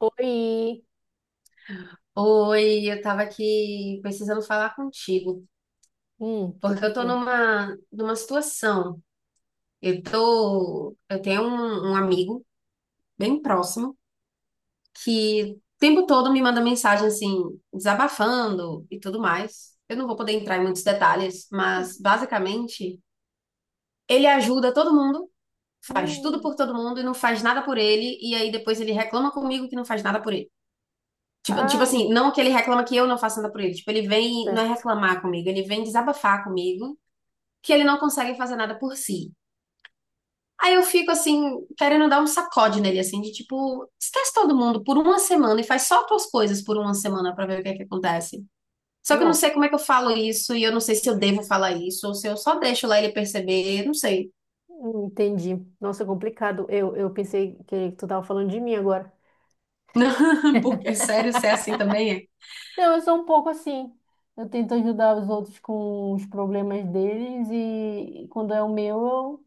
Oi! Oi, eu tava aqui precisando falar contigo, O que porque que eu tô foi? numa situação. Eu tenho um amigo bem próximo que o tempo todo me manda mensagem assim, desabafando e tudo mais. Eu não vou poder entrar em muitos detalhes, Hum, mas basicamente ele ajuda todo mundo, faz tudo hum. por todo mundo e não faz nada por ele, e aí depois ele reclama comigo que não faz nada por ele. Tipo Ai, assim, não que ele reclama que eu não faço nada por ele. Tipo, ele vem, não é certo. reclamar comigo, ele vem desabafar comigo que ele não consegue fazer nada por si. Aí eu fico assim, querendo dar um sacode nele, assim, de tipo, esquece todo mundo por uma semana e faz só tuas coisas por uma semana pra ver o que é que acontece. Só que eu não Não, sei como é que eu falo isso e eu não sei se eu devo falar isso ou se eu só deixo lá ele perceber, não sei. Entendi. Nossa, é complicado. Eu pensei que tu tava falando de mim agora. Porque é sério, se é assim também Não, eu sou um pouco assim. Eu tento ajudar os outros com os problemas deles e quando é o meu,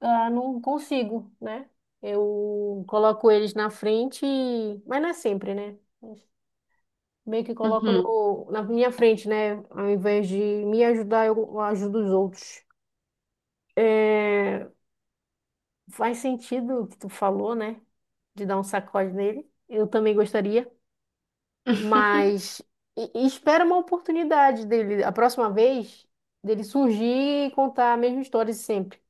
eu não consigo, né? Eu coloco eles na frente, mas não é sempre, né? Mas meio que é. coloco Uhum. no, na minha frente, né? Ao invés de me ajudar, eu ajudo os outros. É, faz sentido o que tu falou, né? De dar um sacode nele. Eu também gostaria, mas e espera uma oportunidade dele, a próxima vez, dele surgir e contar a mesma história de sempre,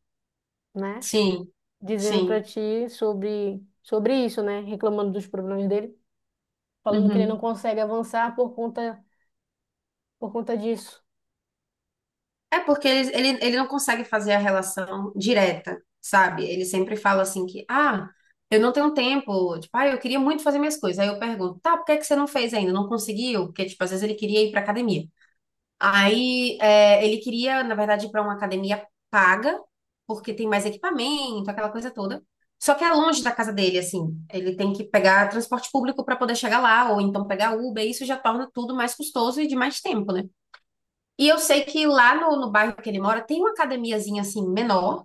né? Sim, Dizendo pra sim. ti sobre isso, né? Reclamando dos problemas dele, falando que ele não Uhum. consegue avançar por conta disso. É porque ele não consegue fazer a relação direta, sabe? Ele sempre fala assim que, ah, eu não tenho tempo, tipo, ah, eu queria muito fazer minhas coisas. Aí eu pergunto, tá, por que é que você não fez ainda? Não conseguiu? Porque, tipo, às vezes ele queria ir pra academia. Aí ele queria, na verdade, ir pra uma academia paga, porque tem mais equipamento, aquela coisa toda. Só que é longe da casa dele, assim. Ele tem que pegar transporte público pra poder chegar lá, ou então pegar Uber, e isso já torna tudo mais custoso e de mais tempo, né? E eu sei que lá no bairro que ele mora tem uma academiazinha assim menor,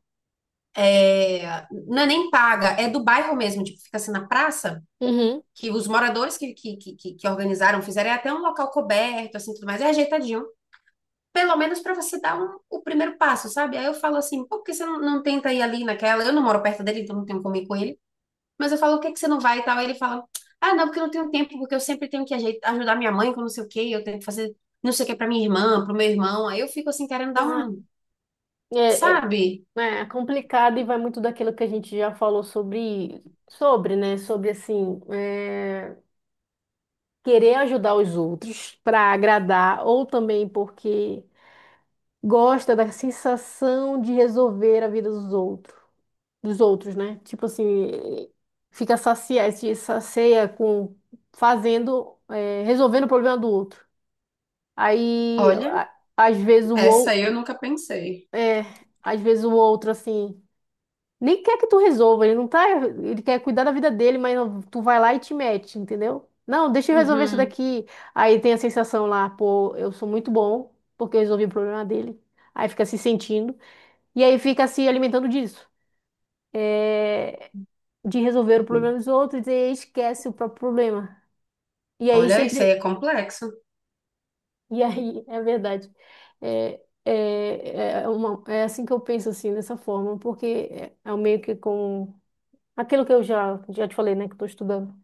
não é nem paga, é do bairro mesmo, tipo, fica assim na praça, Uhum. que os moradores que organizaram fizeram é até um local coberto, assim, tudo mais, é ajeitadinho. Pelo menos para você dar o primeiro passo, sabe? Aí eu falo assim, pô, por que você não tenta ir ali naquela? Eu não moro perto dele, então não tenho como ir com ele. Mas eu falo, o que que você não vai e tal? Aí ele fala, ah, não, porque eu não tenho tempo, porque eu sempre tenho que ajeitar, ajudar minha mãe com não sei o quê, eu tenho que fazer não sei o que para minha irmã, pro meu irmão. Aí eu fico assim, querendo dar Ah, um, é, é, sabe? né, É complicado e vai muito daquilo que a gente já falou sobre, né? Sobre assim, querer ajudar os outros para agradar, ou também porque gosta da sensação de resolver a vida dos outros, né? Tipo assim, fica saciado, se sacia com fazendo, resolvendo o problema do outro. Aí, Olha, às vezes o essa outro, aí eu nunca pensei. é, às vezes o outro assim. Nem quer que tu resolva, ele não tá. Ele quer cuidar da vida dele, mas tu vai lá e te mete, entendeu? Não, deixa eu resolver isso Uhum. daqui. Aí tem a sensação lá, pô, eu sou muito bom, porque eu resolvi o problema dele. Aí fica se sentindo. E aí fica se alimentando disso, de resolver o problema dos outros e esquece o próprio problema. E aí Olha, isso aí sempre. é complexo. E aí, é verdade. É assim que eu penso, assim, dessa forma, porque é meio que com. Aquilo que eu já te falei, né, que eu tô estudando.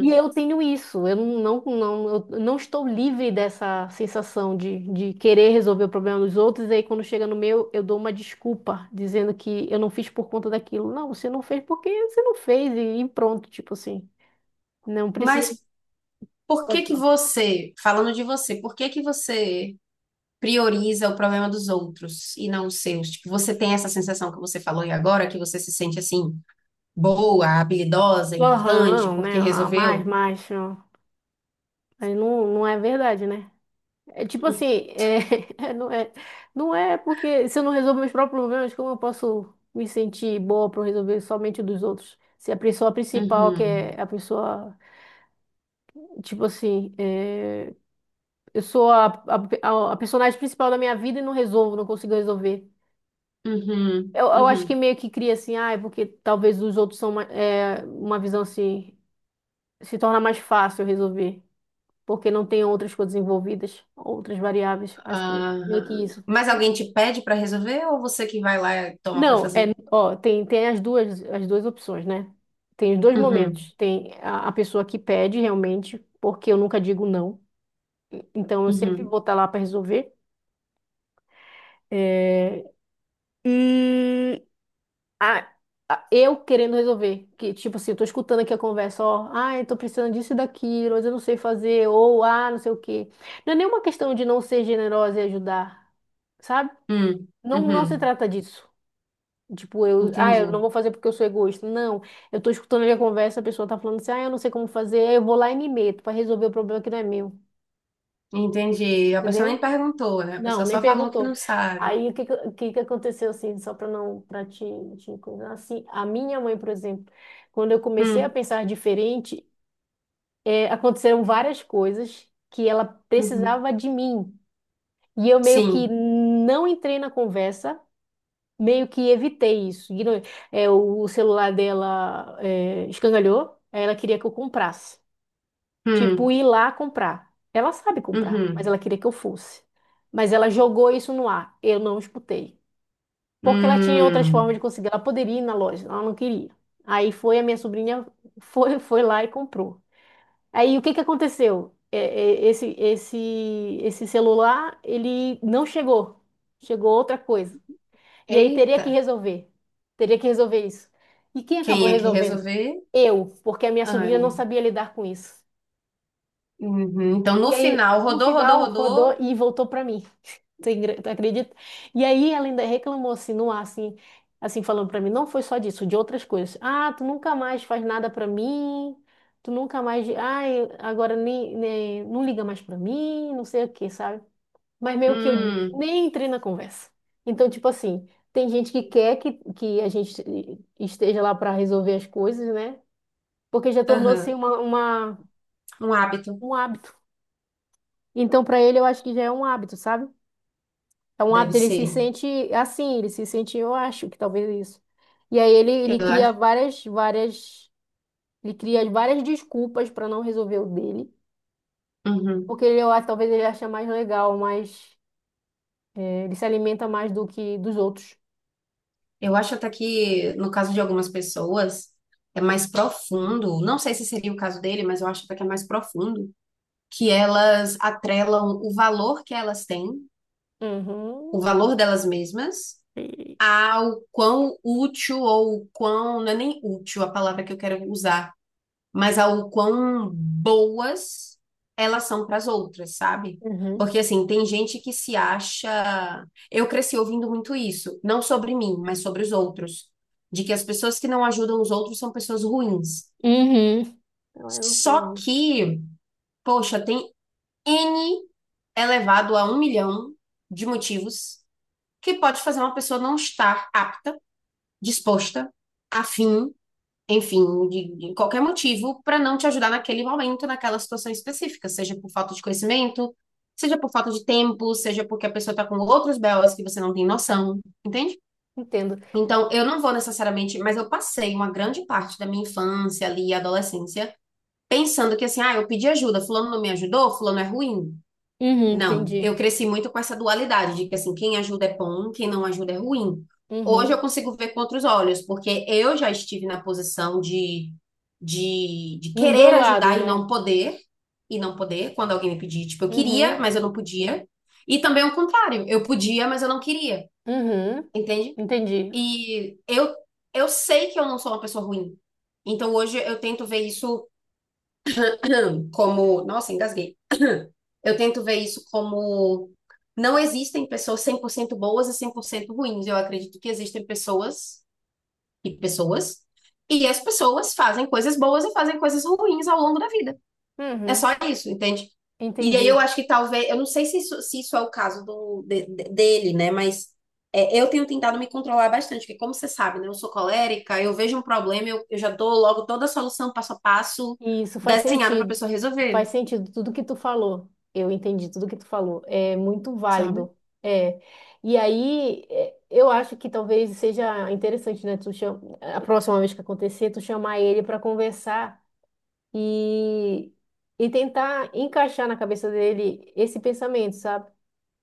E eu tenho isso, eu não estou livre dessa sensação de querer resolver o problema dos outros, e aí quando chega no meu, eu dou uma desculpa, dizendo que eu não fiz por conta daquilo. Não, você não fez porque você não fez, e pronto, tipo assim. Não precisa Mas de. por que que você, falando de você, por que que você prioriza o problema dos outros e não os seus? Tipo, você tem essa sensação que você falou aí agora, que você se sente assim, boa, habilidosa, importante, Aham, porque né? Mais, resolveu? mais. Ó. Aí não, não é verdade, né? É tipo assim, é, não é, não é porque se eu não resolver meus próprios problemas, como eu posso me sentir boa para resolver somente os dos outros? Se a pessoa principal, que Uhum. é a pessoa, tipo assim, eu sou a personagem principal da minha vida e não resolvo, não consigo resolver. Uhum. Eu acho que Uhum. meio que cria assim, ah, é porque talvez os outros são uma uma visão assim, se torna mais fácil resolver, porque não tem outras coisas envolvidas, outras variáveis. Acho que meio que Aham. isso, Mas sabe? alguém te pede para resolver ou você que vai lá e toma para Não, fazer? é, Ó, tem as duas opções, né? Tem os dois Uhum. momentos. Tem a pessoa que pede realmente, porque eu nunca digo não. Então eu sempre Uhum. vou estar lá para resolver. É, e a- eu querendo resolver. Que, tipo assim, eu tô escutando aqui a conversa, ó, ah, eu tô precisando disso e daquilo, mas eu não sei fazer, ou ah, não sei o quê. Não é nenhuma questão de não ser generosa e ajudar, sabe? Uhum. Não, não se Uhum. trata disso. Tipo, ah, Entendi, eu não vou fazer porque eu sou egoísta. Não, eu tô escutando ali a conversa, a pessoa tá falando assim, ah, eu não sei como fazer, aí eu vou lá e me meto pra resolver o problema que não é meu, entendi. A pessoa nem entendeu? perguntou, né? A pessoa Não, nem só falou que perguntou. não sabe. Aí o que que aconteceu assim, só para não para te coisar, assim, a minha mãe, por exemplo, quando eu comecei a Hum, pensar diferente, aconteceram várias coisas que ela uhum. precisava de mim. E eu meio que Sim. não entrei na conversa, meio que evitei isso. É, o celular dela escangalhou, aí ela queria que eu comprasse. Tipo, Hum, ir lá comprar. Ela sabe comprar, mas uhum. ela queria que eu fosse. Mas ela jogou isso no ar. Eu não escutei. Porque ela tinha outras formas de Hum. conseguir. Ela poderia ir na loja, ela não queria. Aí foi a minha sobrinha, foi lá e comprou. Aí o que que aconteceu? Esse celular, ele não chegou. Chegou outra coisa. E aí teria Eita, que resolver. Teria que resolver isso. E quem acabou quem é que resolvendo? resolver? Eu, porque a minha sobrinha não Anne. sabia lidar com isso. Uhum. Então, no E aí, final, no rodou, rodou, final, rodou rodou. e voltou para mim. Tu acredita? E aí ela ainda reclamou assim, no ar, assim, assim falando para mim, não foi só disso, de outras coisas. Ah, tu nunca mais faz nada para mim. Tu nunca mais, ai, agora não liga mais para mim, não sei o que, sabe? Mas meio que eu Hum, nem entrei na conversa. Então, tipo assim, tem gente que quer que a gente esteja lá para resolver as coisas, né? Porque já aham. tornou-se Um hábito, um hábito. Então, para ele, eu acho que já é um hábito, sabe? É um deve hábito, ele se ser. sente assim, ele se sente, eu acho que talvez é isso. E aí Eu ele cria acho. Ele cria várias desculpas para não resolver o dele, Uhum. porque ele, eu acho, talvez ele acha mais legal, mais, ele se alimenta mais do que dos outros. Eu acho até que, no caso de algumas pessoas, é mais profundo. Não sei se seria o caso dele, mas eu acho até que é mais profundo que elas atrelam o valor que elas têm, o Uhum. valor delas mesmas, ao quão útil ou quão, não é nem útil a palavra que eu quero usar, mas ao quão boas elas são para as outras, sabe? Uhum. Porque assim, tem gente que se acha. Eu cresci ouvindo muito isso, não sobre mim, mas sobre os outros, de que as pessoas que não ajudam os outros são pessoas ruins. Uhum. Não, eu não sou Só muito. que, poxa, tem N elevado a 1 milhão de motivos que pode fazer uma pessoa não estar apta, disposta, afim, enfim, de qualquer motivo, para não te ajudar naquele momento, naquela situação específica, seja por falta de conhecimento, seja por falta de tempo, seja porque a pessoa está com outros belas que você não tem noção, entende? Entendo. Então, eu não vou necessariamente, mas eu passei uma grande parte da minha infância ali, e adolescência, pensando que assim, ah, eu pedi ajuda, fulano não me ajudou, fulano é ruim, Uhum, não, entendi. eu cresci muito com essa dualidade de que assim, quem ajuda é bom, quem não ajuda é ruim. Hoje eu Uhum. consigo ver com outros olhos, porque eu já estive na posição de Nos dois querer lados, ajudar né? E não poder, quando alguém me pedia, tipo, eu queria, Uhum, mas eu não podia. E também o contrário, eu podia, mas eu não queria, uhum. entende? Entendi. E eu, sei que eu não sou uma pessoa ruim. Então hoje eu tento ver isso como, nossa, engasguei. Eu tento ver isso como não existem pessoas 100% boas e 100% ruins. Eu acredito que existem pessoas e pessoas, e as pessoas fazem coisas boas e fazem coisas ruins ao longo da vida. É Uhum, só isso, entende? E aí eu entendi. acho que talvez, eu não sei se isso, se isso é o caso do, dele, né? Mas é, eu tenho tentado me controlar bastante, porque como você sabe, né? Eu sou colérica, eu vejo um problema, eu já dou logo toda a solução passo a passo Isso faz desenhada para a sentido. pessoa resolver, Faz sentido tudo que tu falou. Eu entendi tudo que tu falou. É muito sabe? válido. É. E aí, eu acho que talvez seja interessante, né? Tu cham... A próxima vez que acontecer, tu chamar ele para conversar, e, e tentar encaixar na cabeça dele esse pensamento, sabe?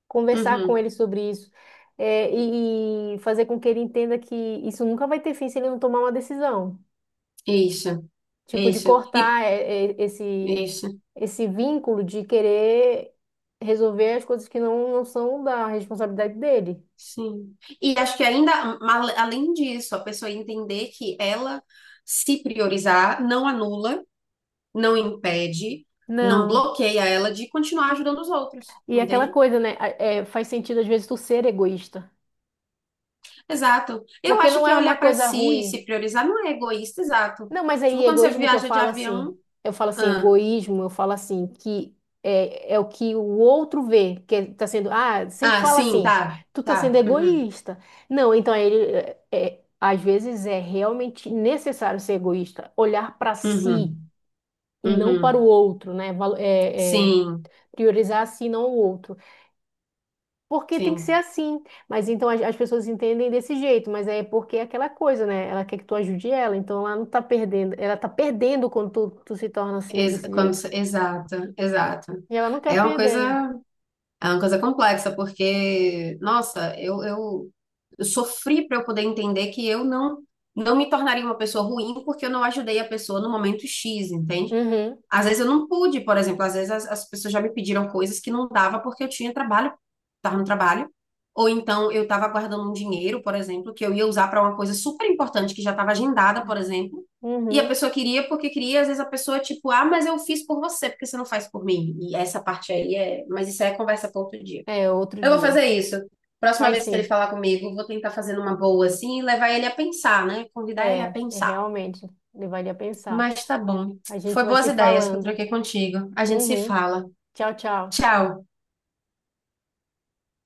Conversar com Uhum, ele sobre isso, e fazer com que ele entenda que isso nunca vai ter fim se ele não tomar uma decisão, isso. É tipo, de isso, e cortar é, é esse, isso, esse vínculo de querer resolver as coisas que não, não são da responsabilidade dele. sim. E acho que ainda, além disso, a pessoa entender que ela se priorizar não anula, não impede, não Não. bloqueia ela de continuar ajudando os outros, E aquela entende? coisa, né? É, faz sentido às vezes tu ser egoísta. Exato. Eu Porque acho não que é uma olhar para coisa si e ruim. se priorizar não é egoísta, exato. Não, mas Tipo, aí quando você egoísmo que viaja de avião, eu falo assim, ah, egoísmo, eu falo assim, que é o que o outro vê, tá sendo, ah, sempre ah, fala sim, assim, tá, tu tá sendo tá, uhum, egoísta. Não, então aí ele, às vezes é realmente necessário ser egoísta, olhar para si uhum, e não para o uhum, outro, né? Sim, Priorizar a si, não o outro. Porque tem que ser sim, assim. Mas então as pessoas entendem desse jeito, mas é porque é aquela coisa, né? Ela quer que tu ajude ela, então ela não tá perdendo. Ela tá perdendo quando tu se torna assim, desse quando, jeito. Exato, exato. E ela não quer É uma coisa perder, né? É uma coisa complexa, porque, nossa, eu, sofri para eu poder entender que eu não me tornaria uma pessoa ruim porque eu não ajudei a pessoa no momento X, entende? Uhum, Às vezes eu não pude, por exemplo, às vezes as pessoas já me pediram coisas que não dava porque eu tinha trabalho, estava no trabalho, ou então eu estava guardando um dinheiro, por exemplo, que eu ia usar para uma coisa super importante que já estava agendada, por exemplo, e a uhum. pessoa queria porque queria, às vezes a pessoa tipo, ah, mas eu fiz por você, porque você não faz por mim. E essa parte aí é, mas isso aí é conversa para outro dia. É, outro Eu vou fazer dia. isso. Próxima Faz vez que ele sim. falar comigo, eu vou tentar fazer numa boa assim e levar ele a pensar, né? Convidar ele É, a é pensar. realmente. Levaria a pensar. Mas tá bom. A gente Foi vai boas se ideias que eu falando. troquei contigo. A gente se Uhum. fala. Tchau, tchau. Tchau.